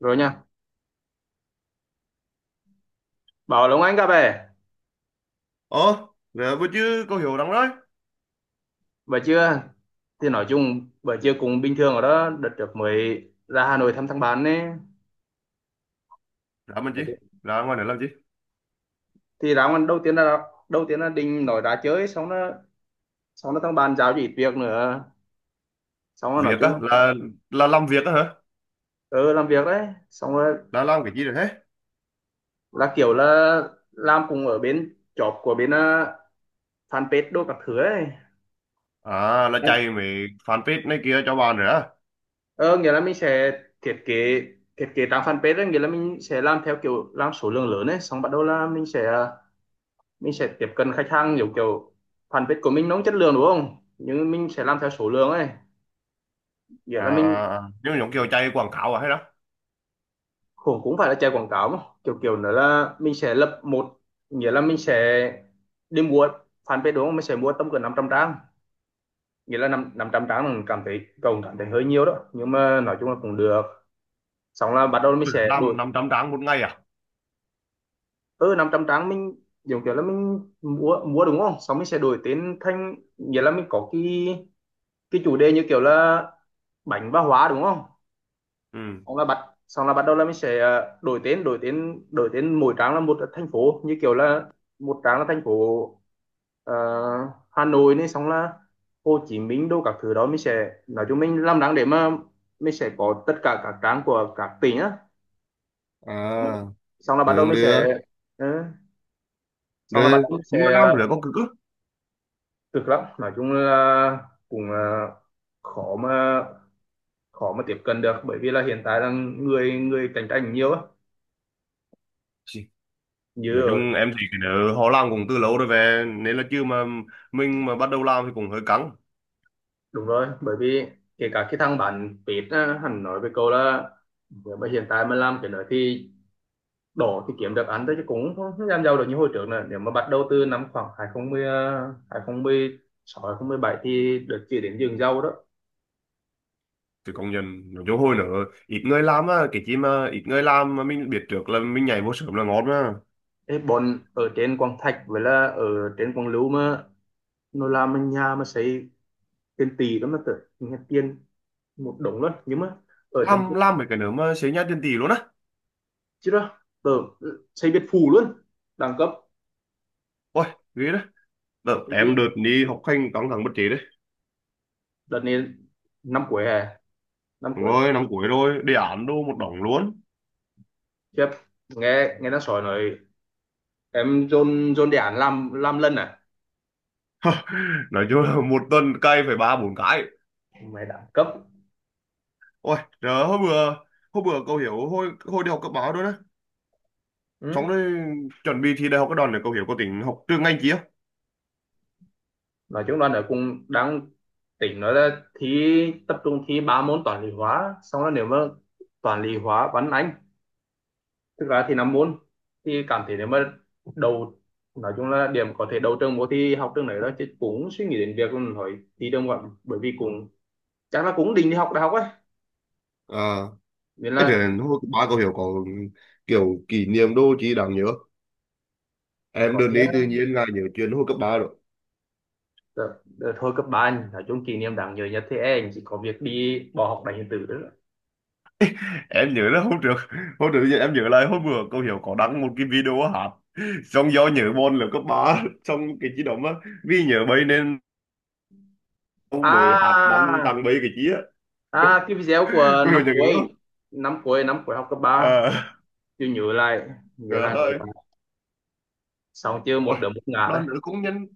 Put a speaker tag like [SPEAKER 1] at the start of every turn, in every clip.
[SPEAKER 1] Rồi nha, bảo Long Anh gặp về
[SPEAKER 2] Ồ, dạ, bữa chứ cô hiểu lắm đấy.
[SPEAKER 1] bữa trưa. Thì nói chung bữa trưa cũng bình thường ở đó. Đợt trước mới ra Hà Nội thăm thằng bạn ấy
[SPEAKER 2] Dạ mình chị, là ngoài này làm gì?
[SPEAKER 1] thì ra ngoài. Đầu tiên là định nói ra chơi, xong nó thằng bạn giao cho ít việc nữa, xong rồi nói
[SPEAKER 2] Việc
[SPEAKER 1] chung
[SPEAKER 2] á,
[SPEAKER 1] là
[SPEAKER 2] là làm việc á hả?
[SPEAKER 1] ừ, làm việc đấy. Xong rồi
[SPEAKER 2] Là làm cái gì rồi thế?
[SPEAKER 1] là kiểu làm cùng ở bên job của bên fanpage đồ các thứ ấy.
[SPEAKER 2] À, là chạy mấy fanpage này kia cho bạn rồi á.
[SPEAKER 1] Ờ, nghĩa là mình sẽ thiết kế, thiết kế trang fanpage ấy. Nghĩa là mình sẽ làm theo kiểu làm số lượng lớn ấy, xong bắt đầu là mình sẽ tiếp cận khách hàng, kiểu kiểu fanpage của mình nó không chất lượng đúng không, nhưng mình sẽ làm theo số lượng ấy. Nghĩa
[SPEAKER 2] À,
[SPEAKER 1] là mình
[SPEAKER 2] à, à. Nhưng mà giống kiểu chạy quảng cáo à hay đó.
[SPEAKER 1] cũng cũng phải là chạy quảng cáo mà, kiểu kiểu nữa là mình sẽ lập một, nghĩa là mình sẽ đi mua fanpage đúng không, mình sẽ mua tầm cỡ 500 trang. Nghĩa là năm 500 trang, mình cảm thấy cậu cảm thấy hơi nhiều đó, nhưng mà nói chung là cũng được. Xong là bắt đầu mình
[SPEAKER 2] Ừ,
[SPEAKER 1] sẽ
[SPEAKER 2] làm
[SPEAKER 1] đổi,
[SPEAKER 2] 500 trang một ngày à?
[SPEAKER 1] ừ, 500 trang mình giống kiểu là mình mua mua đúng không, xong mình sẽ đổi tên thành, nghĩa là mình có cái chủ đề như kiểu là bánh và hóa đúng không.
[SPEAKER 2] Ừ.
[SPEAKER 1] Xong là bắt xong là bắt đầu là mình sẽ đổi tên, đổi tên mỗi trang là một thành phố, như kiểu là một trang là thành phố ờ, Hà Nội này, xong là Hồ Chí Minh đâu các thứ đó. Mình sẽ nói chung mình làm đáng để mà mình sẽ có tất cả các trang của các tỉnh á. xong là,
[SPEAKER 2] À,
[SPEAKER 1] xong là bắt đầu
[SPEAKER 2] được,
[SPEAKER 1] mình
[SPEAKER 2] được.
[SPEAKER 1] sẽ ừ, xong là bắt
[SPEAKER 2] Được,
[SPEAKER 1] đầu mình
[SPEAKER 2] nhưng mà
[SPEAKER 1] sẽ
[SPEAKER 2] làm rồi
[SPEAKER 1] ờ,
[SPEAKER 2] có cực á.
[SPEAKER 1] cực lắm. Nói chung là cũng ờ, khó mà khó mà tiếp cận được, bởi vì là hiện tại là người người cạnh tranh nhiều á,
[SPEAKER 2] Gì?
[SPEAKER 1] như
[SPEAKER 2] Nói
[SPEAKER 1] ở.
[SPEAKER 2] chung em thấy cái đó họ làm cũng từ lâu rồi về, nên là chưa mà mình mà bắt đầu làm thì cũng hơi căng.
[SPEAKER 1] Đúng rồi, bởi vì kể cả cái thằng bạn Pete á, hắn nói với cậu là nếu mà hiện tại mà làm cái nữa thì đổ, thì kiếm được ăn thôi chứ cũng không không làm giàu được như hồi trước nữa. Nếu mà bắt đầu từ năm khoảng 2010, 2016 bảy thì được chỉ đến vườn rau đó.
[SPEAKER 2] Thì công nhận nói chung hồi nữa ít người làm á, cái chi mà ít người làm mà mình biết trước là mình nhảy vô sớm là ngon mà
[SPEAKER 1] Ê, bọn ở trên Quảng Thạch với là ở trên Quảng Lưu mà nó làm bên nhà mà xây tiền tỷ đó mà, tưởng nghe tiền một đống luôn. Nhưng mà ở trên kia,
[SPEAKER 2] làm mấy cái nữa mà xế nhá tiền tỷ luôn á.
[SPEAKER 1] chứ đó tớ ừ, xây biệt phủ luôn, đẳng cấp.
[SPEAKER 2] Ôi, ghê đó. Đợt
[SPEAKER 1] Thế
[SPEAKER 2] em
[SPEAKER 1] chứ,
[SPEAKER 2] đợt đi học hành căng thẳng bất trí đấy.
[SPEAKER 1] đợt này năm cuối hè, năm
[SPEAKER 2] Đúng
[SPEAKER 1] cuốn,
[SPEAKER 2] rồi, năm cuối rồi đề án đô một đống luôn.
[SPEAKER 1] khiếp. Nghe nghe nó sỏi nói em dồn dồn đề án làm lần à,
[SPEAKER 2] Nói chung là một tuần cày phải ba bốn cái.
[SPEAKER 1] mày đẳng cấp.
[SPEAKER 2] Ôi trời, hôm bữa cậu hiểu hồi hồi đi học cấp báo đó đó. Xong
[SPEAKER 1] Ừ.
[SPEAKER 2] rồi chuẩn bị thi đại học cái đòn này cậu hiểu có tính học trường ngành chi không?
[SPEAKER 1] Nói chung là nó cũng đang tỉnh nói là thi tập trung, thi ba môn toán lý hóa, xong là nếu mà toán lý hóa văn anh tức là thì năm môn. Thì cảm thấy nếu mà đầu, nói chung là điểm có thể đầu trường vô thi học trường này đó, chứ cũng suy nghĩ đến việc là hỏi thi trường ngoại. Bởi vì cũng chắc là cũng định đi học đại học ấy,
[SPEAKER 2] À,
[SPEAKER 1] nên
[SPEAKER 2] ấy
[SPEAKER 1] là.
[SPEAKER 2] rồi hồi cấp ba cậu hiểu có kiểu kỷ niệm đô chi đáng nhớ? Em
[SPEAKER 1] Có
[SPEAKER 2] đừng
[SPEAKER 1] chứ,
[SPEAKER 2] đi tự nhiên là nhớ chuyện hồi cấp ba rồi.
[SPEAKER 1] đợt, đợt hồi cấp ba anh nói chung kỷ niệm đáng nhớ nhất thì em chỉ có việc đi bỏ học đánh điện tử đó.
[SPEAKER 2] Em nhớ là hôm trước em nhớ lại hôm bữa cô hiểu có đăng một cái video hát, xong do nhớ môn là cấp ba xong cái chi đó á, vì nhớ bấy nên cô mới hát đăng
[SPEAKER 1] À,
[SPEAKER 2] tăng bấy cái chi á.
[SPEAKER 1] à, cái video của
[SPEAKER 2] Cô Hiếu
[SPEAKER 1] năm
[SPEAKER 2] nhớ cái đó.
[SPEAKER 1] cuối, năm cuối học cấp ba.
[SPEAKER 2] À,
[SPEAKER 1] Chưa, nhớ lại nhớ
[SPEAKER 2] trời
[SPEAKER 1] lại nữa.
[SPEAKER 2] ơi.
[SPEAKER 1] Xong chưa, một
[SPEAKER 2] Ôi,
[SPEAKER 1] đứa một ngã đấy.
[SPEAKER 2] đoàn nữ cũng nhân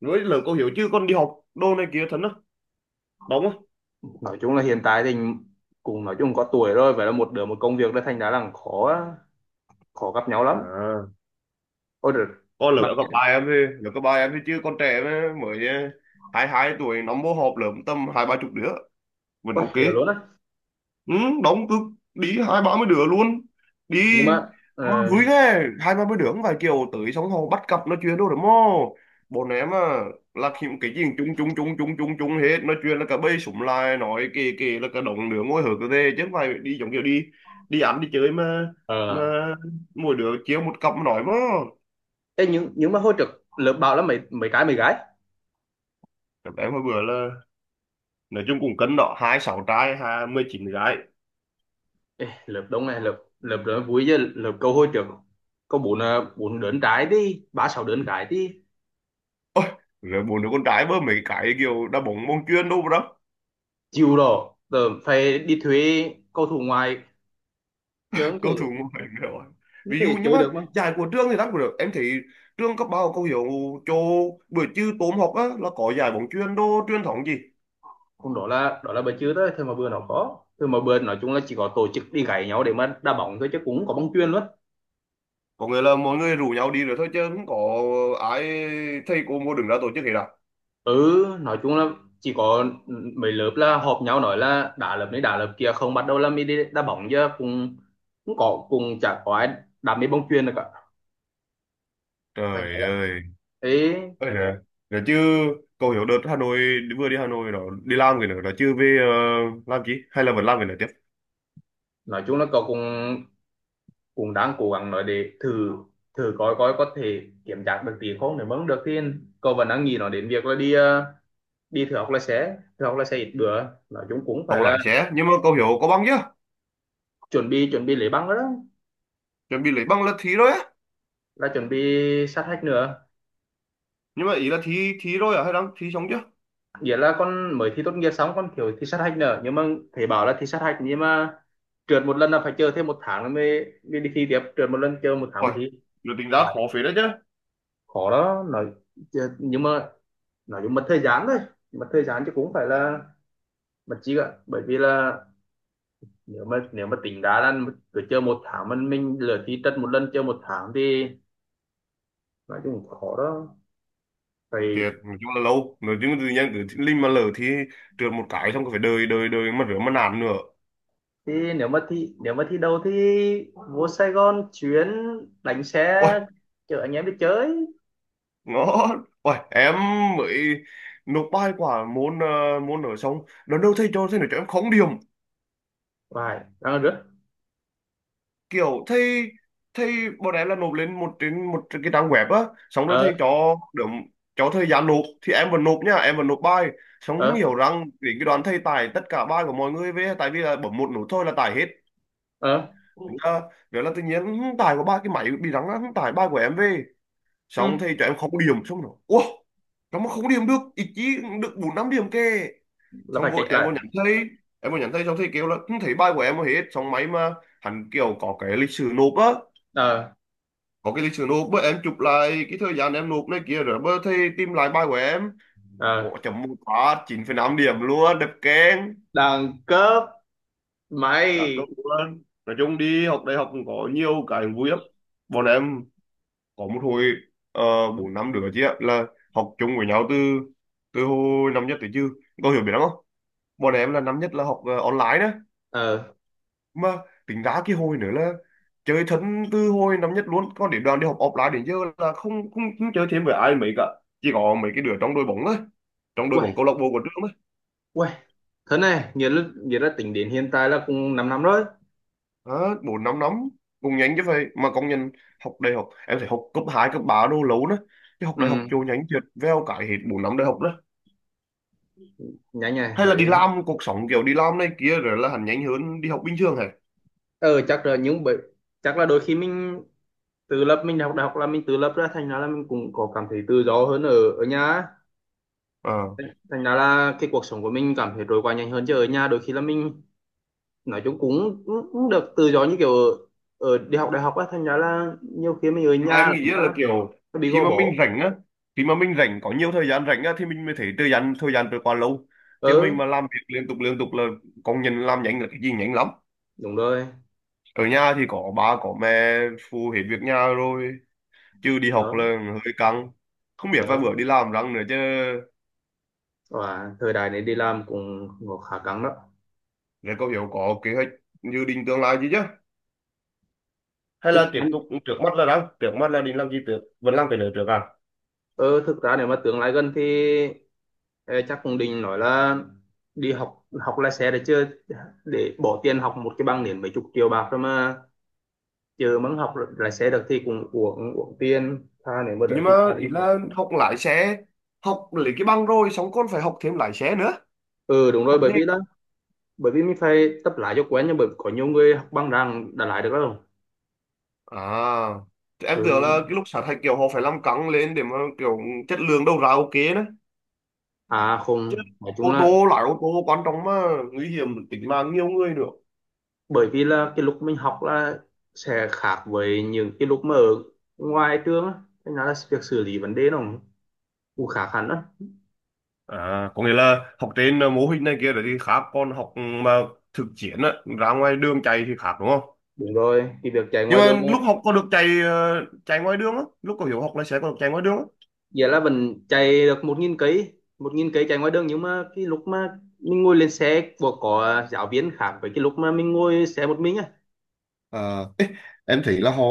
[SPEAKER 2] với lời cô hiểu chứ con đi học đô này kia thật á, đúng không?
[SPEAKER 1] Nói chung là hiện tại thì cùng nói chung có tuổi rồi, vậy là một đứa một công việc đấy, thành ra là khó khó gặp nhau lắm.
[SPEAKER 2] À,
[SPEAKER 1] Ôi được,
[SPEAKER 2] con
[SPEAKER 1] bạn.
[SPEAKER 2] lớp cấp ba em thì lớp cấp ba em thì chứ con trẻ mà, mới à, 22 tuổi nó mô họp lớp tầm hai ba chục đứa, vẫn
[SPEAKER 1] Ôi
[SPEAKER 2] ok.
[SPEAKER 1] được luôn á.
[SPEAKER 2] Ừ, đóng cực, đi hai ba mươi đứa luôn. Đi
[SPEAKER 1] Nhưng mà
[SPEAKER 2] mà
[SPEAKER 1] ờ,
[SPEAKER 2] vui ghê, hai ba mươi đứa không phải kiểu tới xong họ bắt cặp nói chuyện đâu, đúng không? Bọn em à là khi- cái gì cũng chung chung chung chung chung chung hết, nói chuyện là cả bầy súng lại nói kì kì, là cả đồng đứa ngồi hở cơ thế, chứ không phải đi giống kiểu đi đi ăn đi chơi mà
[SPEAKER 1] ờ,
[SPEAKER 2] mỗi đứa chiếu một cặp mà nói mà.
[SPEAKER 1] ê, nhưng mà hồi trước lớp bảo là mấy mấy cái mấy gái.
[SPEAKER 2] Em hồi bữa là nói chung cũng cân đó, 26 trai 29 gái.
[SPEAKER 1] Ê, lượt đông này, lượt lượt đó vui chứ, lượt câu hồi trước có bốn à, bốn đớn trái đi, ba sáu đớn trái đi.
[SPEAKER 2] Ôi, rồi bốn đứa con trai bơ mấy cái kiểu đá bóng bóng chuyền đâu đó.
[SPEAKER 1] Chịu rồi, giờ phải đi thuê cầu thủ ngoài, chứ không
[SPEAKER 2] Cầu
[SPEAKER 1] thể,
[SPEAKER 2] thủ ngoại hình rồi.
[SPEAKER 1] không
[SPEAKER 2] Ví dụ
[SPEAKER 1] thể
[SPEAKER 2] nhưng
[SPEAKER 1] chơi
[SPEAKER 2] mà
[SPEAKER 1] được mà.
[SPEAKER 2] giải của trường thì đáng cũng được em thấy, trường cấp ba có hiểu cho buổi trưa tốm học á là có giải bóng chuyền đô truyền thống gì.
[SPEAKER 1] Còn đó là, đó là bữa trước đó thôi mà, bữa nó có thôi mà. Bữa nói chung là chỉ có tổ chức đi gáy nhau để mà đá bóng thôi, chứ cũng không có bóng chuyền luôn.
[SPEAKER 2] Có nghĩa là mọi người rủ nhau đi rồi thôi chứ không có ai, thầy cô mua đứng ra tổ chức hết à?
[SPEAKER 1] Ừ, nói chung là chỉ có mấy lớp là họp nhau nói là đá lớp này đá lớp kia, không bắt đầu là mới đi đá bóng, chứ cũng, cũng có cũng chả có ai đá mấy bóng chuyền được cả. Phải nhớ
[SPEAKER 2] Trời
[SPEAKER 1] là,
[SPEAKER 2] ơi.
[SPEAKER 1] thế.
[SPEAKER 2] Ôi giời. Rồi chứ cậu hiểu đợt Hà Nội, vừa đi Hà Nội đó đi làm cái nữa đó chứ về, làm chi hay là vẫn làm cái nữa tiếp?
[SPEAKER 1] Nói chung là cậu cũng, cũng đang cố gắng nói để thử, thử coi coi có thể kiểm tra được tiền không. Nếu mà không được thì cậu vẫn đang nghĩ nói đến việc là đi đi thử học lái xe, thử học lái xe ít bữa. Nói chung cũng phải
[SPEAKER 2] Không
[SPEAKER 1] là
[SPEAKER 2] lái xe nhưng mà cậu hiểu có bằng chưa?
[SPEAKER 1] chuẩn bị lấy bằng đó đó.
[SPEAKER 2] Chuẩn bị lấy bằng là thi rồi á?
[SPEAKER 1] Là chuẩn bị sát hạch nữa.
[SPEAKER 2] Nhưng mà ý là thi thi rồi à hay đang thi xong chưa?
[SPEAKER 1] Nghĩa là con mới thi tốt nghiệp xong, con kiểu thi sát hạch nữa. Nhưng mà thầy bảo là thi sát hạch, nhưng mà trượt một lần là phải chờ thêm một tháng nữa mới, mới đi thi tiếp. Trượt một lần chờ một tháng mới
[SPEAKER 2] Ôi,
[SPEAKER 1] thi.
[SPEAKER 2] được tính
[SPEAKER 1] À,
[SPEAKER 2] ra khó phết đấy chứ.
[SPEAKER 1] khó đó nói, chứ- nhưng mà nói chung mất thời gian thôi, mất thời gian chứ cũng phải là mất chi ạ. Bởi vì là nếu mà, nếu mà tính đá là cứ chơi một tháng, mình lựa thi tất một lần, chơi một tháng thì nói chung cũng khó đó, phải.
[SPEAKER 2] Thiệt nói chung là lâu, nói chung là tự nhiên cứ linh mà lỡ thì trượt một cái xong cứ phải đợi đợi đợi mà rửa mà nạn nữa.
[SPEAKER 1] Thì nếu mà thi, nếu mà thi đấu thì vô Sài Gòn chuyến, đánh xe
[SPEAKER 2] Ôi
[SPEAKER 1] chở anh em đi chơi.
[SPEAKER 2] ngon, ôi em mới nộp bài quả môn ở xong lần đầu thầy cho, thầy nói cho em không điểm,
[SPEAKER 1] Vài đang rước.
[SPEAKER 2] kiểu thầy thầy bọn em là nộp lên một trên một cái trang web á, xong rồi
[SPEAKER 1] Ờ,
[SPEAKER 2] thầy cho được cho thời gian nộp thì em vẫn nộp nha, em vẫn nộp bài xong
[SPEAKER 1] ờ,
[SPEAKER 2] hiểu rằng đến cái đoạn thầy tải tất cả bài của mọi người về, tại vì là bấm một nút thôi là tải hết.
[SPEAKER 1] ờ,
[SPEAKER 2] Đó. Vậy là tự nhiên "Hưng, tải của ba cái máy bị rắn á, Hưng tải ba của em về
[SPEAKER 1] ừ,
[SPEAKER 2] xong thì cho em không điểm xong rồi ủa, nó mà không điểm được ít chí, được bốn năm điểm kìa.
[SPEAKER 1] là
[SPEAKER 2] Xong
[SPEAKER 1] phải chạy
[SPEAKER 2] vội em
[SPEAKER 1] lại.
[SPEAKER 2] vô nhắn thầy, xong thầy kêu là không thấy bài của em hết, xong máy mà hắn kiểu có cái lịch sử nộp á,
[SPEAKER 1] Ờ,
[SPEAKER 2] có cái lịch sử nộp bữa em chụp lại cái thời gian em nộp này kia rồi, bữa thầy tìm lại bài của em,
[SPEAKER 1] ờ,
[SPEAKER 2] ủa chấm một phát 9,5 điểm luôn, đẹp keng.
[SPEAKER 1] đẳng cấp,
[SPEAKER 2] Đáng
[SPEAKER 1] mày.
[SPEAKER 2] công luôn. Nói chung đi học đại học cũng có nhiều cái vui lắm. Bọn em có một hồi, ờ, bốn năm đứa chị ạ là học chung với nhau từ từ hồi năm nhất tới chứ, có hiểu biết lắm không, bọn em là năm nhất là học online đó
[SPEAKER 1] Ờ,
[SPEAKER 2] mà, tính ra cái hồi nữa là chơi thân từ hồi năm nhất luôn, còn đến đoàn đi học offline đến giờ là không không, không chơi thêm với ai mấy cả, chỉ có mấy cái đứa trong đội bóng thôi, trong đội
[SPEAKER 1] quay,
[SPEAKER 2] bóng câu lạc bộ của trường thôi.
[SPEAKER 1] quay thế này nghĩa là, nghĩa là tính đến hiện tại là cũng 5 năm năm rồi.
[SPEAKER 2] À, bốn năm năm cũng nhanh chứ vậy mà, công nhận học đại học em phải học cấp 2 cấp 3 đô lâu nữa chứ, học
[SPEAKER 1] Ừ,
[SPEAKER 2] đại học chỗ nhanh thiệt, veo cái hết bốn năm đại học đó.
[SPEAKER 1] nhanh nhỉ,
[SPEAKER 2] Hay là
[SPEAKER 1] nói
[SPEAKER 2] đi
[SPEAKER 1] chung.
[SPEAKER 2] làm cuộc sống kiểu đi làm này kia rồi là hẳn nhanh hơn đi học bình thường hả?
[SPEAKER 1] Ờ, chắc là những bởi, chắc là đôi khi mình tự lập, mình học đại học là mình tự lập ra, thành ra là mình cũng có cảm thấy tự do hơn ở ở nhà á.
[SPEAKER 2] Ờ.
[SPEAKER 1] Thành ra là cái cuộc sống của mình cảm thấy trôi qua nhanh hơn. Chứ ở nhà đôi khi là mình nói chung cũng, cũng được tự do như kiểu ở, ở đi học đại học á, thành ra là nhiều khi mình ở
[SPEAKER 2] Mà
[SPEAKER 1] nhà
[SPEAKER 2] em
[SPEAKER 1] là
[SPEAKER 2] nghĩ là kiểu
[SPEAKER 1] nó bị
[SPEAKER 2] khi
[SPEAKER 1] gò
[SPEAKER 2] mà
[SPEAKER 1] bó.
[SPEAKER 2] mình rảnh á khi mà mình rảnh có nhiều thời gian rảnh á thì mình mới thấy thời gian trôi qua lâu, chứ mình
[SPEAKER 1] Ừ,
[SPEAKER 2] mà làm việc liên tục là công nhân làm nhanh là cái gì nhanh lắm.
[SPEAKER 1] đúng rồi.
[SPEAKER 2] Ở nhà thì có ba có mẹ phụ hết việc nhà rồi, chứ đi học là
[SPEAKER 1] Đó,
[SPEAKER 2] hơi căng, không biết vài bữa
[SPEAKER 1] đó,
[SPEAKER 2] đi làm răng nữa chứ.
[SPEAKER 1] và thời đại này đi làm cũng, cũng khá căng đó.
[SPEAKER 2] Rồi có hiểu có kế hoạch dự định tương lai gì chứ, hay
[SPEAKER 1] Thực
[SPEAKER 2] là
[SPEAKER 1] ra
[SPEAKER 2] tiếp tục trước mắt là định làm gì trước, vẫn làm cái nữa trước à?
[SPEAKER 1] ờ, thực ra nếu mà tương lai gần thì ê, chắc cũng định nói là đi học, học lái xe đấy chứ. Để bỏ tiền học một cái bằng đến mấy chục triệu bạc rồi mà chờ muốn học lái xe được thì cũng uổng uổng tiền tha, nếu mà đỡ
[SPEAKER 2] Nhưng mà
[SPEAKER 1] thì ra đi
[SPEAKER 2] ý
[SPEAKER 1] học.
[SPEAKER 2] là học lái xe, học lấy cái bằng rồi xong còn phải học thêm lái xe nữa,
[SPEAKER 1] Ừ đúng rồi,
[SPEAKER 2] học
[SPEAKER 1] bởi
[SPEAKER 2] nghề
[SPEAKER 1] vì đó, bởi vì mình phải tập lái cho quen, nhưng bởi có nhiều người học bằng rằng đã lái được rồi.
[SPEAKER 2] à? Thì em tưởng là cái
[SPEAKER 1] Ừ,
[SPEAKER 2] lúc sát hạch kiểu họ phải làm căng lên để mà kiểu chất lượng đầu ra ok đó
[SPEAKER 1] à
[SPEAKER 2] chứ,
[SPEAKER 1] không, nói chung
[SPEAKER 2] ô
[SPEAKER 1] là
[SPEAKER 2] tô lái ô tô quan trọng mà, nguy hiểm tính mạng nhiều người nữa.
[SPEAKER 1] bởi vì là cái lúc mình học là sẽ khác với những cái lúc mà ở ngoài trường á, thế nên là việc xử lý vấn đề nó cũng, cũng khác hẳn đó.
[SPEAKER 2] À có nghĩa là học trên mô hình này kia rồi thì khác, còn học mà thực chiến á ra ngoài đường chạy thì khác đúng không?
[SPEAKER 1] Đúng rồi, cái việc chạy
[SPEAKER 2] Nhưng
[SPEAKER 1] ngoài đường,
[SPEAKER 2] mà lúc học có được chạy chạy ngoài đường á, lúc có hiểu học lái xe có được chạy ngoài đường á?
[SPEAKER 1] nghĩa là vẫn chạy được một nghìn cây, một nghìn cây chạy ngoài đường. Nhưng mà cái lúc mà mình ngồi lên xe của có giáo viên khác với cái lúc mà mình ngồi xe một mình á.
[SPEAKER 2] À. Em thấy là họ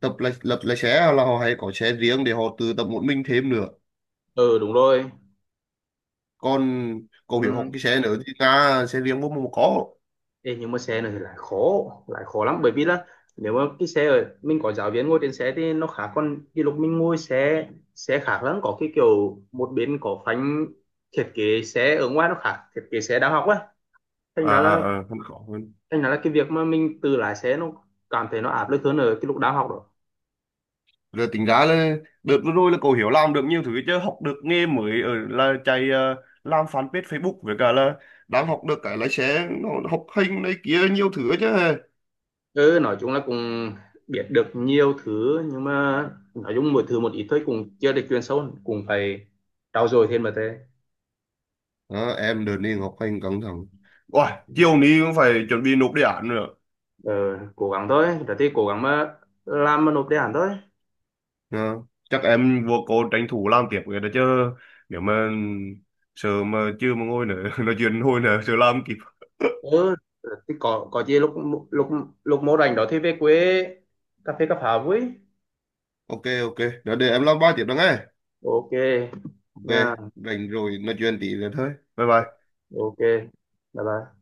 [SPEAKER 2] tập là lập lái xe là họ hay có xe riêng để họ tự tập một mình thêm nữa,
[SPEAKER 1] Ừ đúng rồi.
[SPEAKER 2] còn cậu hiểu học
[SPEAKER 1] Ừ.
[SPEAKER 2] cái xe nữa thì ra xe riêng bố mà có.
[SPEAKER 1] Ê, nhưng mà xe này thì lại khó, lại khó lắm. Bởi vì là nếu mà cái xe ở mình có giáo viên ngồi trên xe thì nó khác, còn cái lúc mình ngồi xe, xe khác lắm, có cái kiểu một bên có phanh. Thiết kế xe ở ngoài nó khác thiết kế xe đang học á, thành
[SPEAKER 2] À
[SPEAKER 1] ra là
[SPEAKER 2] à, à, không có hơn.
[SPEAKER 1] thành ra là cái việc mà mình tự lái xe nó cảm thấy nó áp lực hơn ở cái lúc đang học đó.
[SPEAKER 2] Rồi tính ra là đợt vừa rồi là cậu hiểu làm được nhiều thứ chứ, học được nghề mới ở là chạy làm fanpage Facebook với cả là đang học được cái lái xe nó, học hành này kia nhiều thứ chứ.
[SPEAKER 1] Ừ, nói chung là cũng biết được nhiều thứ, nhưng mà nói chung mỗi thứ một ít thôi, cũng chưa được chuyên sâu, cũng phải trau dồi thêm mà thế.
[SPEAKER 2] Ờ, em đợt đi học hành căng thẳng. Ôi, chiều nay cũng phải chuẩn bị nộp đề án nữa.
[SPEAKER 1] Ờ, cố gắng thôi, rồi thì cố gắng mà làm mà nộp đề án thôi.
[SPEAKER 2] Ờ, chắc em vô cô tranh thủ làm tiếp cái đó chứ, nếu mà sợ mà chưa mà ngồi nữa nói chuyện hồi nữa sợ làm kịp.
[SPEAKER 1] Ừ, rồi thì có gì lúc lúc lúc mô rảnh đó thì về quê cà phê cà pháo với.
[SPEAKER 2] Ok ok, đó để em làm ba tiếp đó nghe.
[SPEAKER 1] Ok.
[SPEAKER 2] Ok.
[SPEAKER 1] Nha.
[SPEAKER 2] Rảnh rồi nói chuyện tí nữa thôi. Bye bye.
[SPEAKER 1] Ok. Bye bye.